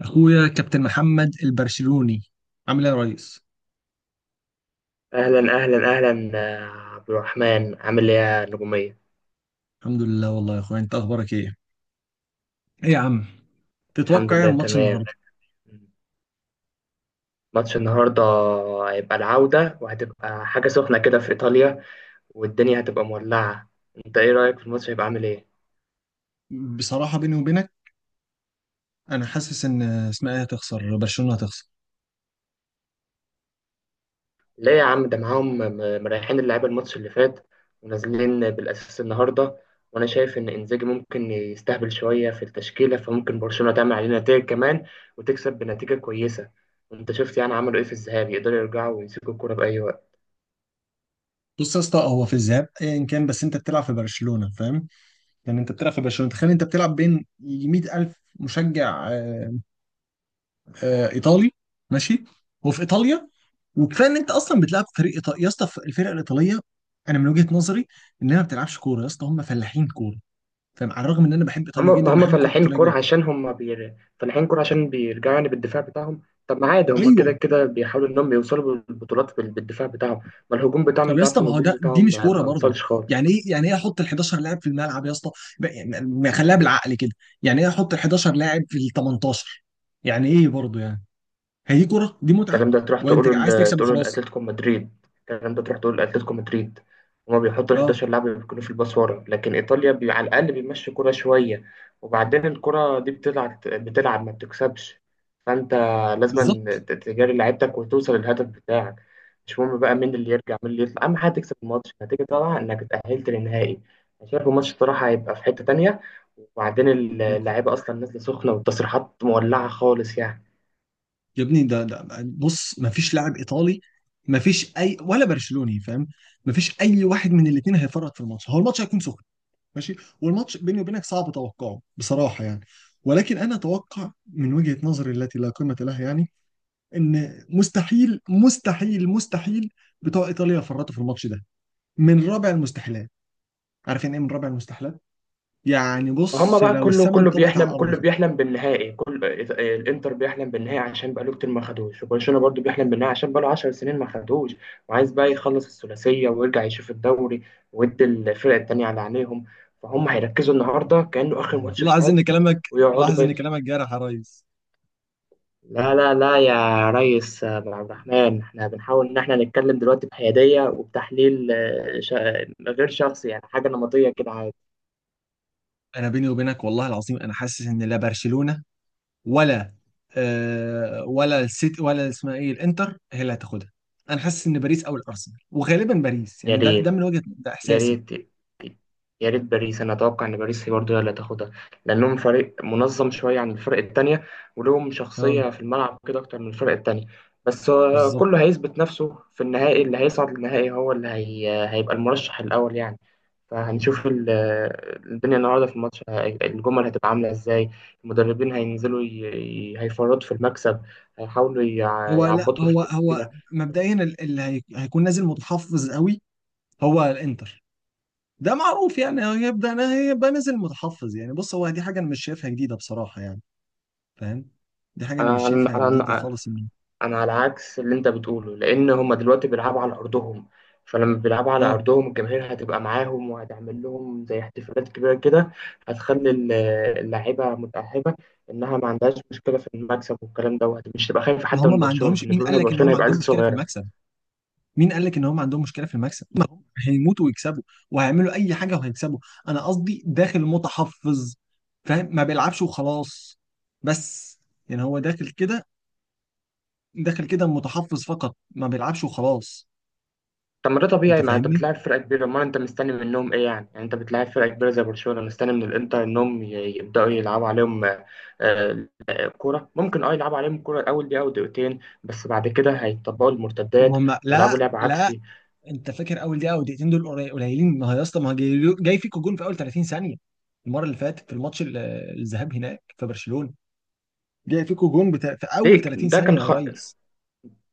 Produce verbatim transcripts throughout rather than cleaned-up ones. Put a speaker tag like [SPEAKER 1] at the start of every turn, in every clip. [SPEAKER 1] اخويا كابتن محمد البرشلوني، عامل ايه يا ريس؟
[SPEAKER 2] أهلا أهلا أهلا. آه، عبد الرحمن عامل إيه يا نجومية؟
[SPEAKER 1] الحمد لله والله. يا اخويا انت اخبارك ايه؟ ايه يا عم،
[SPEAKER 2] الحمد
[SPEAKER 1] تتوقع ايه
[SPEAKER 2] لله
[SPEAKER 1] عن ماتش
[SPEAKER 2] تمام.
[SPEAKER 1] النهارده؟
[SPEAKER 2] ماتش النهاردة هيبقى العودة، وهتبقى حاجة سخنة كده في إيطاليا، والدنيا هتبقى مولعة. أنت إيه رأيك في الماتش، هيبقى عامل إيه؟
[SPEAKER 1] بصراحه بيني وبينك، انا حاسس ان اسمها ايه، هتخسر برشلونه، هتخسر.
[SPEAKER 2] ليه يا عم؟ ده معاهم م- مريحين اللعيبة الماتش اللي فات، ونازلين بالأساس النهاردة. وأنا شايف إن إنزاجي ممكن يستهبل شوية في التشكيلة، فممكن برشلونة تعمل علينا نتائج كمان وتكسب بنتيجة كويسة. أنت شفت يعني عملوا إيه في الذهاب؟ يقدروا يرجعوا ويمسكوا الكورة بأي وقت.
[SPEAKER 1] بص يا اسطى، هو في الذهاب ايا كان، بس انت بتلعب في برشلونه، فاهم؟ يعني انت بتلعب في برشلونه، تخيل انت بتلعب بين 100000 الف مشجع. آه، آه، ايطالي، ماشي، وفي ايطاليا. وكفايه ان انت اصلا بتلعب فريق ايطالي يا اسطى. الفرق الايطاليه انا من وجهه نظري انها ما بتلعبش كوره يا اسطى، هم فلاحين كوره. فعلى الرغم ان انا بحب ايطاليا
[SPEAKER 2] هم ما
[SPEAKER 1] جدا،
[SPEAKER 2] هم
[SPEAKER 1] بحب كره
[SPEAKER 2] فلاحين
[SPEAKER 1] ايطاليا
[SPEAKER 2] الكورة
[SPEAKER 1] جدا.
[SPEAKER 2] عشان هم بير... فلاحين الكورة عشان بيرجعوا يعني بالدفاع بتاعهم. طب ما عادي، هم
[SPEAKER 1] ايوه.
[SPEAKER 2] كده كده بيحاولوا انهم يوصلوا بالبطولات بال- بالدفاع بتاعهم. ما الهجوم بتاعهم
[SPEAKER 1] طب يا
[SPEAKER 2] انت عارف
[SPEAKER 1] اسطى، ما هو
[SPEAKER 2] الهجوم
[SPEAKER 1] ده، دي
[SPEAKER 2] بتاعهم
[SPEAKER 1] مش
[SPEAKER 2] ما
[SPEAKER 1] كوره
[SPEAKER 2] ما
[SPEAKER 1] برضه؟
[SPEAKER 2] وصلش خالص.
[SPEAKER 1] يعني ايه يعني ايه احط ال حداشر لاعب في الملعب يا اسطى؟ ب- يعني ما خليها بالعقل كده. يعني ايه احط ال حداشر لاعب في ال تمنتاشر؟ يعني ايه برضه يعني؟ هي دي كوره؟ دي متعه،
[SPEAKER 2] الكلام ده تروح
[SPEAKER 1] وانت
[SPEAKER 2] تقوله
[SPEAKER 1] عايز
[SPEAKER 2] ل-
[SPEAKER 1] تكسب
[SPEAKER 2] تقوله
[SPEAKER 1] وخلاص.
[SPEAKER 2] لاتلتيكو مدريد. الكلام ده تروح تقوله لاتلتيكو مدريد. هما بيحطوا ال
[SPEAKER 1] اه
[SPEAKER 2] حداشر لاعب اللي بيكونوا في الباص ورا، لكن ايطاليا بي... على الاقل بيمشي كرة شويه. وبعدين الكرة دي بتلعب بتلعب، ما بتكسبش. فانت لازم
[SPEAKER 1] بالظبط.
[SPEAKER 2] ت- تجاري لعيبتك وتوصل للهدف بتاعك. مش مهم بقى مين اللي يرجع مين اللي يطلع، اهم حاجه تكسب الماتش النتيجه، طبعا انك اتاهلت للنهائي. انا شايف الماتش الصراحه هيبقى في حته تانية. وبعدين اللعيبه اصلا نازله سخنه، والتصريحات مولعه خالص يعني.
[SPEAKER 1] يا ابني ده ده بص، ما فيش لاعب ايطالي ما فيش اي ولا برشلوني، فاهم؟ ما فيش اي واحد من الاثنين هيفرط في الماتش. هو الماتش هيكون سخن، ماشي، والماتش بيني وبينك صعب توقعه بصراحة يعني. ولكن أنا أتوقع من وجهة نظري التي لا قيمة لها يعني، إن مستحيل مستحيل مستحيل بتوع إيطاليا يفرطوا في الماتش ده. من رابع المستحيلات. عارف يعني إيه من رابع المستحيلات؟ يعني
[SPEAKER 2] هما
[SPEAKER 1] بص،
[SPEAKER 2] بقى
[SPEAKER 1] لو
[SPEAKER 2] كله
[SPEAKER 1] السما
[SPEAKER 2] كله
[SPEAKER 1] انطبقت على
[SPEAKER 2] بيحلم،
[SPEAKER 1] الأرض
[SPEAKER 2] كله
[SPEAKER 1] كده.
[SPEAKER 2] بيحلم بالنهائي، كل آه، الانتر بيحلم بالنهائي عشان بقاله كتير ما خدوش، وبرشلونه برضو بيحلم بالنهائي عشان بقاله 10 سنين ما خدوش. وعايز بقى يخلص الثلاثيه ويرجع يشوف الدوري، ويدي الفرق التانيه على عينيهم. فهم هيركزوا النهارده كانه اخر ماتش في
[SPEAKER 1] لاحظ إن
[SPEAKER 2] حياتهم،
[SPEAKER 1] كلامك
[SPEAKER 2] ويقعدوا
[SPEAKER 1] لاحظ
[SPEAKER 2] بقى.
[SPEAKER 1] إن كلامك جارح يا ريس.
[SPEAKER 2] لا لا لا يا ريس عبد الرحمن، احنا بنحاول ان احنا نتكلم دلوقتي بحياديه وبتحليل آه، شا- غير شخصي، يعني حاجه نمطيه كده عادي.
[SPEAKER 1] أنا بيني وبينك والله العظيم أنا حاسس إن لا برشلونة ولا، آه، ولا السيتي ولا اسمها ايه الانتر هي اللي هتاخدها. انا حاسس ان باريس او الارسنال، وغالبا باريس
[SPEAKER 2] يا
[SPEAKER 1] يعني. ده ده من
[SPEAKER 2] ريت،
[SPEAKER 1] وجهة ده
[SPEAKER 2] يا
[SPEAKER 1] احساسي.
[SPEAKER 2] ريت، يا ريت باريس. انا اتوقع ان باريس هي برضه هي اللي هتاخدها، لانهم فريق منظم شويه عن الفرق التانية، ولهم
[SPEAKER 1] اه
[SPEAKER 2] شخصيه في الملعب كده اكتر من الفرق التانية. بس آه،
[SPEAKER 1] بالظبط.
[SPEAKER 2] كله هيثبت نفسه في النهائي. اللي هيصعد للنهائي هو اللي هي... هيبقى المرشح الاول يعني. فهنشوف ال- الدنيا النهارده في الماتش هي- الجمل هتبقى عامله ازاي. المدربين هينزلوا ي... ي- هيفرطوا في المكسب، هيحاولوا يع-
[SPEAKER 1] هو لا
[SPEAKER 2] يعبطوا في
[SPEAKER 1] هو هو
[SPEAKER 2] التشكيله.
[SPEAKER 1] مبدئيا ال- اللي هي- هيكون نازل متحفظ قوي. هو الانتر ده معروف يعني، هو هيبدا هيبقى نازل متحفظ. يعني بص، هو دي حاجه انا مش شايفها جديده بصراحه يعني، فاهم؟ دي حاجه انا مش
[SPEAKER 2] انا
[SPEAKER 1] شايفها جديده
[SPEAKER 2] انا
[SPEAKER 1] خالص. ان
[SPEAKER 2] انا على عكس اللي انت بتقوله، لان هم دلوقتي بيلعبوا على ارضهم. فلما بيلعبوا على
[SPEAKER 1] اه.
[SPEAKER 2] ارضهم، الجماهير هتبقى معاهم وهتعمل لهم زي احتفالات كبيره كده. هتخلي ال- اللاعيبه متاهبه انها ما عندهاش مشكله في المكسب، والكلام دوت مش تبقى خايفه حتى من
[SPEAKER 1] هم ما
[SPEAKER 2] برشلونه.
[SPEAKER 1] عندهمش، مين
[SPEAKER 2] بالنسبه
[SPEAKER 1] قال
[SPEAKER 2] لهم
[SPEAKER 1] لك ان
[SPEAKER 2] برشلونه
[SPEAKER 1] هم
[SPEAKER 2] هيبقى عيل
[SPEAKER 1] عندهم مشكله في
[SPEAKER 2] صغيره.
[SPEAKER 1] المكسب؟ مين قال لك ان هم عندهم مشكله في المكسب؟ ما هم هيموتوا ويكسبوا، وهيعملوا اي حاجه وهيكسبوا. انا قصدي داخل متحفظ، فاهم؟ ما بيلعبش وخلاص، بس. يعني هو داخل كده، داخل كده متحفظ، فقط ما بيلعبش وخلاص.
[SPEAKER 2] طب ما ده طبيعي،
[SPEAKER 1] انت
[SPEAKER 2] ما انت
[SPEAKER 1] فاهمني؟
[SPEAKER 2] بتلاعب فرقه كبيره. امال انت مستني منهم ايه يعني؟ يعني انت بتلاعب فرقه كبيره زي برشلونه، مستني من الانتر انهم ي- يبداوا يلعبوا عليهم؟ آه، كورة ممكن اه يلعبوا عليهم الكورة الأول دقيقة أو دقيقتين، بس بعد كده هيطبقوا المرتدات
[SPEAKER 1] هم لا
[SPEAKER 2] ويلعبوا لعب
[SPEAKER 1] لا
[SPEAKER 2] عكسي.
[SPEAKER 1] انت فاكر اول دقيقه او دقيقتين دول قليل- قليلين؟ ما هو يا اسطى، ما هو جاي, جاي فيكوا جون في اول تلاتين ثانيه. المره اللي فاتت في الماتش ال- الذهاب هناك في برشلونه، جاي فيكوا جون بتا... في
[SPEAKER 2] دي
[SPEAKER 1] اول تلاتين
[SPEAKER 2] ده
[SPEAKER 1] ثانيه
[SPEAKER 2] كان
[SPEAKER 1] يا
[SPEAKER 2] خ...
[SPEAKER 1] ريس.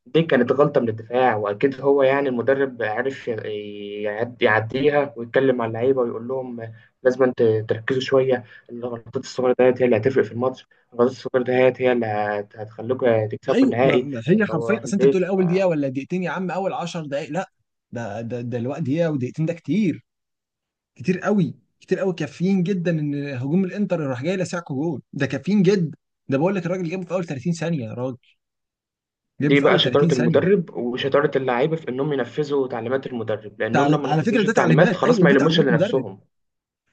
[SPEAKER 2] دي كانت غلطة من الدفاع، وأكيد هو يعني المدرب عرف ي- يعد- يعديها ويتكلم مع اللعيبة ويقول لهم لازم انت تركزوا شوية. الغلطات الصغيرة ديت هي اللي هتفرق في الماتش. الغلطات الصغيرة ديت هي اللي هت- هتخليكوا يا تكسبوا
[SPEAKER 1] ايوه، ما
[SPEAKER 2] النهائي
[SPEAKER 1] ما
[SPEAKER 2] يا
[SPEAKER 1] هي
[SPEAKER 2] تروحوا
[SPEAKER 1] حرفيا، اصل انت
[SPEAKER 2] البيت.
[SPEAKER 1] بتقول اول دقيقه ولا دقيقتين، يا عم اول عشر دقائق لا، ده ده ده الوقت. دقيقه ودقيقتين ده كتير، كتير قوي، كتير قوي، كافيين جدا ان هجوم الانتر راح جاي لسعكو جول. ده كافيين جدا. ده بقول لك الراجل جابه في اول تلاتين ثانيه يا راجل، جابه
[SPEAKER 2] دي
[SPEAKER 1] في
[SPEAKER 2] بقى
[SPEAKER 1] اول تلاتين
[SPEAKER 2] شطارة
[SPEAKER 1] ثانيه.
[SPEAKER 2] المدرب وشطارة اللعيبة في إنهم ينفذوا تعليمات المدرب، لأنهم
[SPEAKER 1] تعلي...
[SPEAKER 2] لما
[SPEAKER 1] على فكره
[SPEAKER 2] نفذوش
[SPEAKER 1] ده
[SPEAKER 2] التعليمات
[SPEAKER 1] تعليمات،
[SPEAKER 2] خلاص
[SPEAKER 1] ايوه
[SPEAKER 2] ما
[SPEAKER 1] دي
[SPEAKER 2] يلموش
[SPEAKER 1] تعليمات
[SPEAKER 2] إلا
[SPEAKER 1] مدرب.
[SPEAKER 2] نفسهم.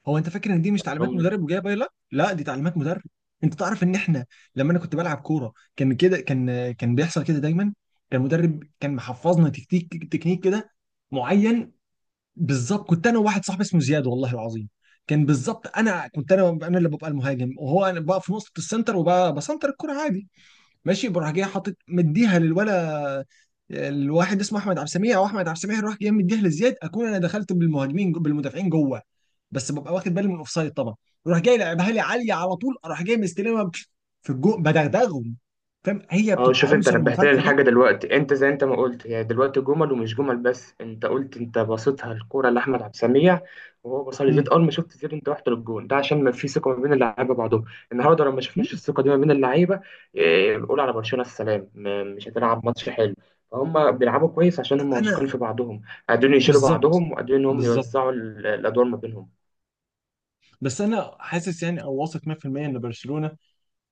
[SPEAKER 1] هو انت فاكر ان دي مش تعليمات
[SPEAKER 2] لأنهم
[SPEAKER 1] مدرب وجايه؟ لا لا، دي تعليمات مدرب. انت تعرف ان احنا، لما انا كنت بلعب كوره كان كده، كان كان بيحصل كده دايما. كان المدرب كان محفظنا تكتيك تكنيك كده معين. بالظبط، كنت انا وواحد صاحبي اسمه زياد، والله العظيم كان بالظبط. انا كنت انا انا اللي ببقى المهاجم، وهو انا بقى في نقطه السنتر، وبقى بسنتر الكره عادي، ماشي. بروح جاي حاطط مديها للولا، الواحد اسمه احمد عبد السميع او احمد عبد السميع، يروح جاي مديها لزياد، اكون انا دخلت بالمهاجمين بالمدافعين جوه، بس ببقى واخد بالي من الاوفسايد طبعا. يروح جاي لعبها لي عاليه على طول، اروح جاي مستلمها في الجو بدغدغهم. فاهم؟ هي
[SPEAKER 2] اه،
[SPEAKER 1] بتبقى
[SPEAKER 2] شوف انت
[SPEAKER 1] عنصر
[SPEAKER 2] نبهت لي
[SPEAKER 1] المفاجاه ده.
[SPEAKER 2] الحاجة دلوقتي. انت زي انت ما قلت هي دلوقتي جمل ومش جمل. بس انت قلت انت باصتها الكورة لأحمد عبد السميع، وهو باصها لزيد.
[SPEAKER 1] مم.
[SPEAKER 2] اول ما شفت زيد انت رحت للجون ده، عشان ما في ثقة ما بين اللعيبة بعضهم. النهارده لو ما شفناش الثقة دي ما بين اللعيبة، اه، بنقول على برشلونة السلام، م- مش هتلعب ماتش حلو. فهم بيلعبوا كويس عشان هم
[SPEAKER 1] انا
[SPEAKER 2] واثقين في بعضهم، قادرين يشيلوا
[SPEAKER 1] بالظبط،
[SPEAKER 2] بعضهم، وقادرين ان هم
[SPEAKER 1] بالظبط.
[SPEAKER 2] يوزعوا ال- الادوار ما بينهم.
[SPEAKER 1] بس انا حاسس يعني او واثق مية في المية ان برشلونه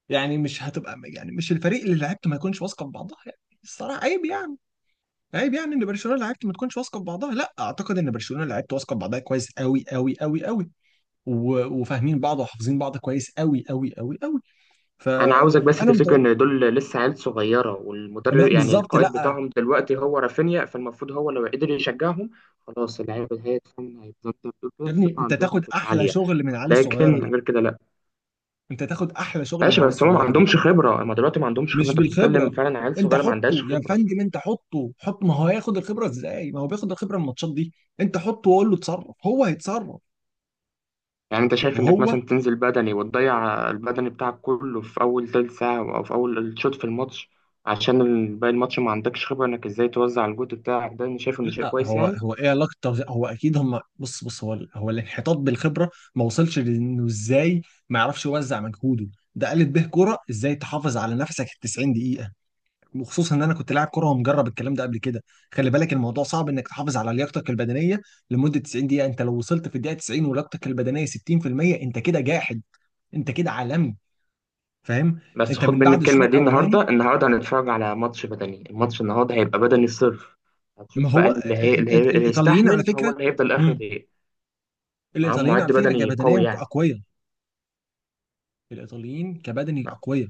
[SPEAKER 1] يعني مش هتبقى، يعني مش الفريق اللي لعيبته ما يكونش واثقه في بعضها يعني. الصراحه عيب يعني، عيب يعني ان برشلونه لعيبته ما تكونش واثقه في بعضها. لا، اعتقد ان برشلونه لعيبته واثقه في بعضها كويس قوي قوي قوي قوي، و- وفاهمين بعض وحافظين بعض كويس قوي قوي قوي قوي.
[SPEAKER 2] انا عاوزك بس
[SPEAKER 1] فانا
[SPEAKER 2] تفتكر
[SPEAKER 1] متوقع.
[SPEAKER 2] ان دول لسه عيال صغيره، والمدرب
[SPEAKER 1] ما-
[SPEAKER 2] يعني
[SPEAKER 1] بالظبط.
[SPEAKER 2] القائد
[SPEAKER 1] لا
[SPEAKER 2] بتاعهم دلوقتي هو رافينيا. فالمفروض هو لو قدر يشجعهم، خلاص اللعيبه هيتفهم هيتظبط، بتقول كده
[SPEAKER 1] يا ابني،
[SPEAKER 2] الثقه
[SPEAKER 1] انت
[SPEAKER 2] عندهم
[SPEAKER 1] تاخد
[SPEAKER 2] هتبقى
[SPEAKER 1] احلى
[SPEAKER 2] عاليه.
[SPEAKER 1] شغل من العيال الصغيره
[SPEAKER 2] لكن
[SPEAKER 1] دي.
[SPEAKER 2] غير كده لا.
[SPEAKER 1] انت تاخد احلى شغل من
[SPEAKER 2] ماشي،
[SPEAKER 1] العيال
[SPEAKER 2] بس هم ما
[SPEAKER 1] الصغيره دي.
[SPEAKER 2] عندهمش خبره. هم دلوقتي ما عندهمش خبره.
[SPEAKER 1] مش
[SPEAKER 2] انت بتتكلم
[SPEAKER 1] بالخبره.
[SPEAKER 2] فعلا عيال
[SPEAKER 1] انت
[SPEAKER 2] صغيره ما
[SPEAKER 1] حطه،
[SPEAKER 2] عندهاش
[SPEAKER 1] يا
[SPEAKER 2] خبره.
[SPEAKER 1] فندم انت حطه، حط، ما هو هياخد الخبره ازاي؟ ما هو بياخد الخبره من الماتشات دي. انت حطه وقول له اتصرف، هو هيتصرف.
[SPEAKER 2] يعني انت شايف انك
[SPEAKER 1] وهو
[SPEAKER 2] مثلا تنزل بدني وتضيع البدني بتاعك كله في اول تلت ساعه او في اول شوط في الماتش، عشان باقي الماتش ما عندكش خبره انك ازاي توزع الجهد بتاعك؟ ده انا شايف انه شيء
[SPEAKER 1] لا
[SPEAKER 2] كويس
[SPEAKER 1] هو
[SPEAKER 2] يعني.
[SPEAKER 1] هو ايه علاقه التوزيع؟ هو اكيد هم بص بص، هو هو الانحطاط بالخبره ما وصلش، لانه ازاي ما يعرفش يوزع مجهوده؟ ده قالت به كرة ازاي تحافظ على نفسك ال تسعين. وخصوصا ان انا كنت لاعب كره ومجرب الكلام ده قبل كده، خلي بالك الموضوع صعب انك تحافظ على لياقتك البدنيه لمده تسعين دقيقه. انت لو وصلت في الدقيقه تسعين ولياقتك البدنيه ستين في المية، انت كده جاحد، انت كده عالمي، فاهم؟
[SPEAKER 2] بس
[SPEAKER 1] انت
[SPEAKER 2] خد
[SPEAKER 1] من
[SPEAKER 2] مني
[SPEAKER 1] بعد الشوط
[SPEAKER 2] الكلمة دي،
[SPEAKER 1] الاولاني.
[SPEAKER 2] النهاردة النهاردة هنتفرج على ماتش بدني. الماتش النهاردة هيبقى بدني الصرف. هتشوف
[SPEAKER 1] ما
[SPEAKER 2] بقى
[SPEAKER 1] هو
[SPEAKER 2] اللي هي اللي
[SPEAKER 1] ال-
[SPEAKER 2] هي-
[SPEAKER 1] ال-
[SPEAKER 2] اللي
[SPEAKER 1] الايطاليين على
[SPEAKER 2] يستحمل هو
[SPEAKER 1] فكره.
[SPEAKER 2] اللي هيفضل آخر
[SPEAKER 1] مم.
[SPEAKER 2] دقيقة. معاهم
[SPEAKER 1] الايطاليين
[SPEAKER 2] معد
[SPEAKER 1] على فكره
[SPEAKER 2] بدني قوي
[SPEAKER 1] كبدنيا
[SPEAKER 2] يعني.
[SPEAKER 1] اقوياء. الايطاليين كبدني اقوياء.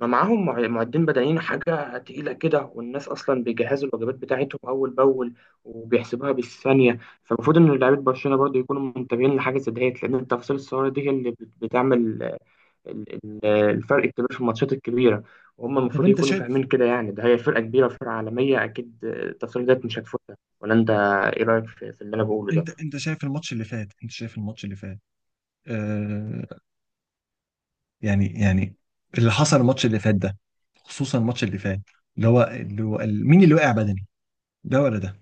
[SPEAKER 2] ما معاهم مع- معدين بدنيين حاجة تقيلة كده. والناس أصلا بيجهزوا الوجبات بتاعتهم أول بأول، وبيحسبوها بالثانية. فالمفروض إن لعيبة برشلونة برضه يكونوا منتبهين لحاجة زي ديت، لأن التفاصيل الصغيرة دي هي اللي بت- بتعمل ال- ال- الفرق الكبير في الماتشات الكبيره. وهم
[SPEAKER 1] طب
[SPEAKER 2] المفروض
[SPEAKER 1] انت
[SPEAKER 2] يكونوا
[SPEAKER 1] شايف،
[SPEAKER 2] فاهمين كده يعني. ده هي فرقه كبيره، فرقه عالميه، اكيد التصريح ده مش هتفوتها. ولا انت، ايه رايك في في اللي انا بقوله ده؟
[SPEAKER 1] انت انت شايف الماتش اللي فات؟ انت شايف الماتش اللي فات، آه، يعني يعني اللي حصل الماتش اللي فات ده. خصوصا الماتش اللي فات، اللي هو اللي هو ال- مين اللي وقع بدني؟ ده ولا ده؟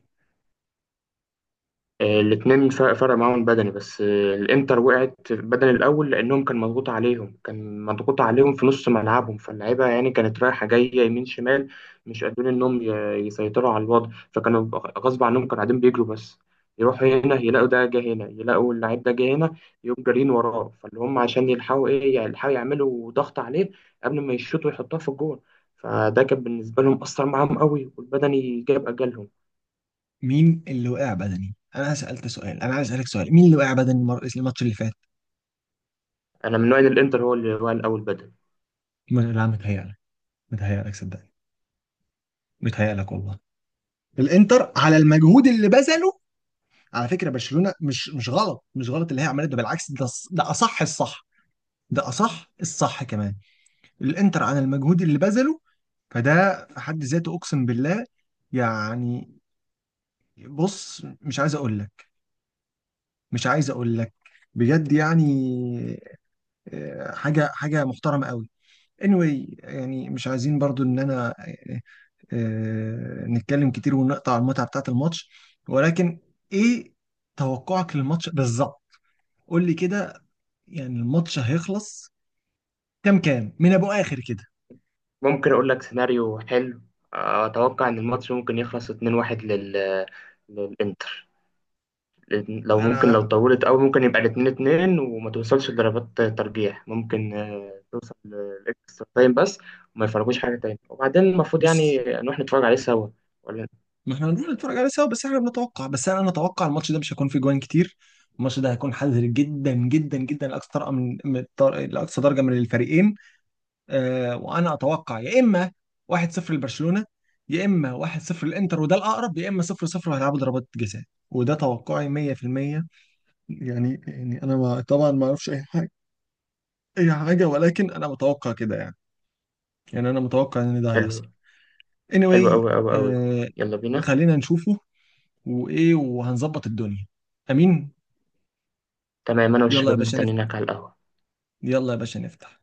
[SPEAKER 2] الاثنين فرق، فرق معاهم بدني، بس آه، الانتر وقعت بدني الاول، لانهم كان مضغوط عليهم، كان مضغوط عليهم في نص ملعبهم. فاللعيبه يعني كانت رايحه جايه يمين شمال، مش قادرين انهم ي- يسيطروا على الوضع. فكانوا غصب عنهم كانوا قاعدين بيجروا بس. يروحوا هنا يلاقوا ده جه هنا، يلاقوا اللعيب ده جه هنا، يقوم جارين وراه. فاللي هم عشان يلحقوا ايه يعني، يلحقوا يعملوا ضغط عليه قبل ما يشوطوا يحطوها في الجول. فده كان بالنسبه لهم اثر معاهم قوي، والبدني جاب اجلهم.
[SPEAKER 1] مين اللي وقع بدني؟ انا سألت سؤال، انا عايز اسالك سؤال، مين اللي وقع بدني المر- الماتش اللي فات؟
[SPEAKER 2] انا من نوع إن الانتر هو اللي هو الاول بدني.
[SPEAKER 1] م- لا، متهيألك، متهيألك صدقني، متهيألك والله. الانتر على المجهود اللي بذله، على فكره برشلونه، مش مش غلط، مش غلط اللي هي عملته ده، بالعكس، ده ص- ده اصح الصح، ده اصح الصح كمان. الانتر على المجهود اللي بذله، فده في حد ذاته اقسم بالله يعني. بص، مش عايز اقول لك، مش عايز اقول لك، بجد يعني، آه، حاجه حاجه محترمه قوي. anyway يعني مش عايزين برضو ان انا، آه، آه، نتكلم كتير ونقطع المتعه بتاعه الماتش. ولكن ايه توقعك للماتش بالظبط؟ قول لي كده، يعني الماتش هيخلص كام كام من ابو اخر كده؟
[SPEAKER 2] ممكن أقول لك سيناريو حلو. آه، أتوقع إن الماتش ممكن يخلص اتنين واحد لل... للإنتر. لأن لو ممكن لو
[SPEAKER 1] انا
[SPEAKER 2] طولت أوي ممكن يبقى الاتنين اتنين، وما توصلش لضربات ترجيح، ممكن آه، توصل لإكسترا تايم بس. وما يفرجوش حاجة تاني. وبعدين المفروض يعني
[SPEAKER 1] بص،
[SPEAKER 2] نروح نتفرج عليه سوا ولا؟
[SPEAKER 1] ما احنا هنروح نتفرج عليه سوا، بس احنا بنتوقع. بس انا نتوقع الماتش ده مش هيكون فيه جوان كتير. الماتش ده هيكون حذر جدا جدا جدا لاقصى درجه من من الطر- لاقصى درجه من الفريقين. آه، وانا اتوقع يا اما واحد صفر لبرشلونه يا اما واحد صفر للانتر، وده الاقرب، يا اما صفر صفر وهيلعبوا ضربات جزاء. وده توقعي مية في المية. يعني يعني انا، ما طبعا ما اعرفش اي حاجه، اي حاجه، ولكن انا متوقع كده يعني. يعني انا متوقع ان ده هيحصل.
[SPEAKER 2] حلو. حلو
[SPEAKER 1] anyway.
[SPEAKER 2] أوي أوي أوي.
[SPEAKER 1] آه،
[SPEAKER 2] يلا بينا.
[SPEAKER 1] خلينا نشوفه، وايه وهنظبط الدنيا. امين.
[SPEAKER 2] تمام، أنا
[SPEAKER 1] يلا يا
[SPEAKER 2] والشباب
[SPEAKER 1] باشا نفتح.
[SPEAKER 2] مستنيينك على القهوة.
[SPEAKER 1] يلا يا باشا نفتح.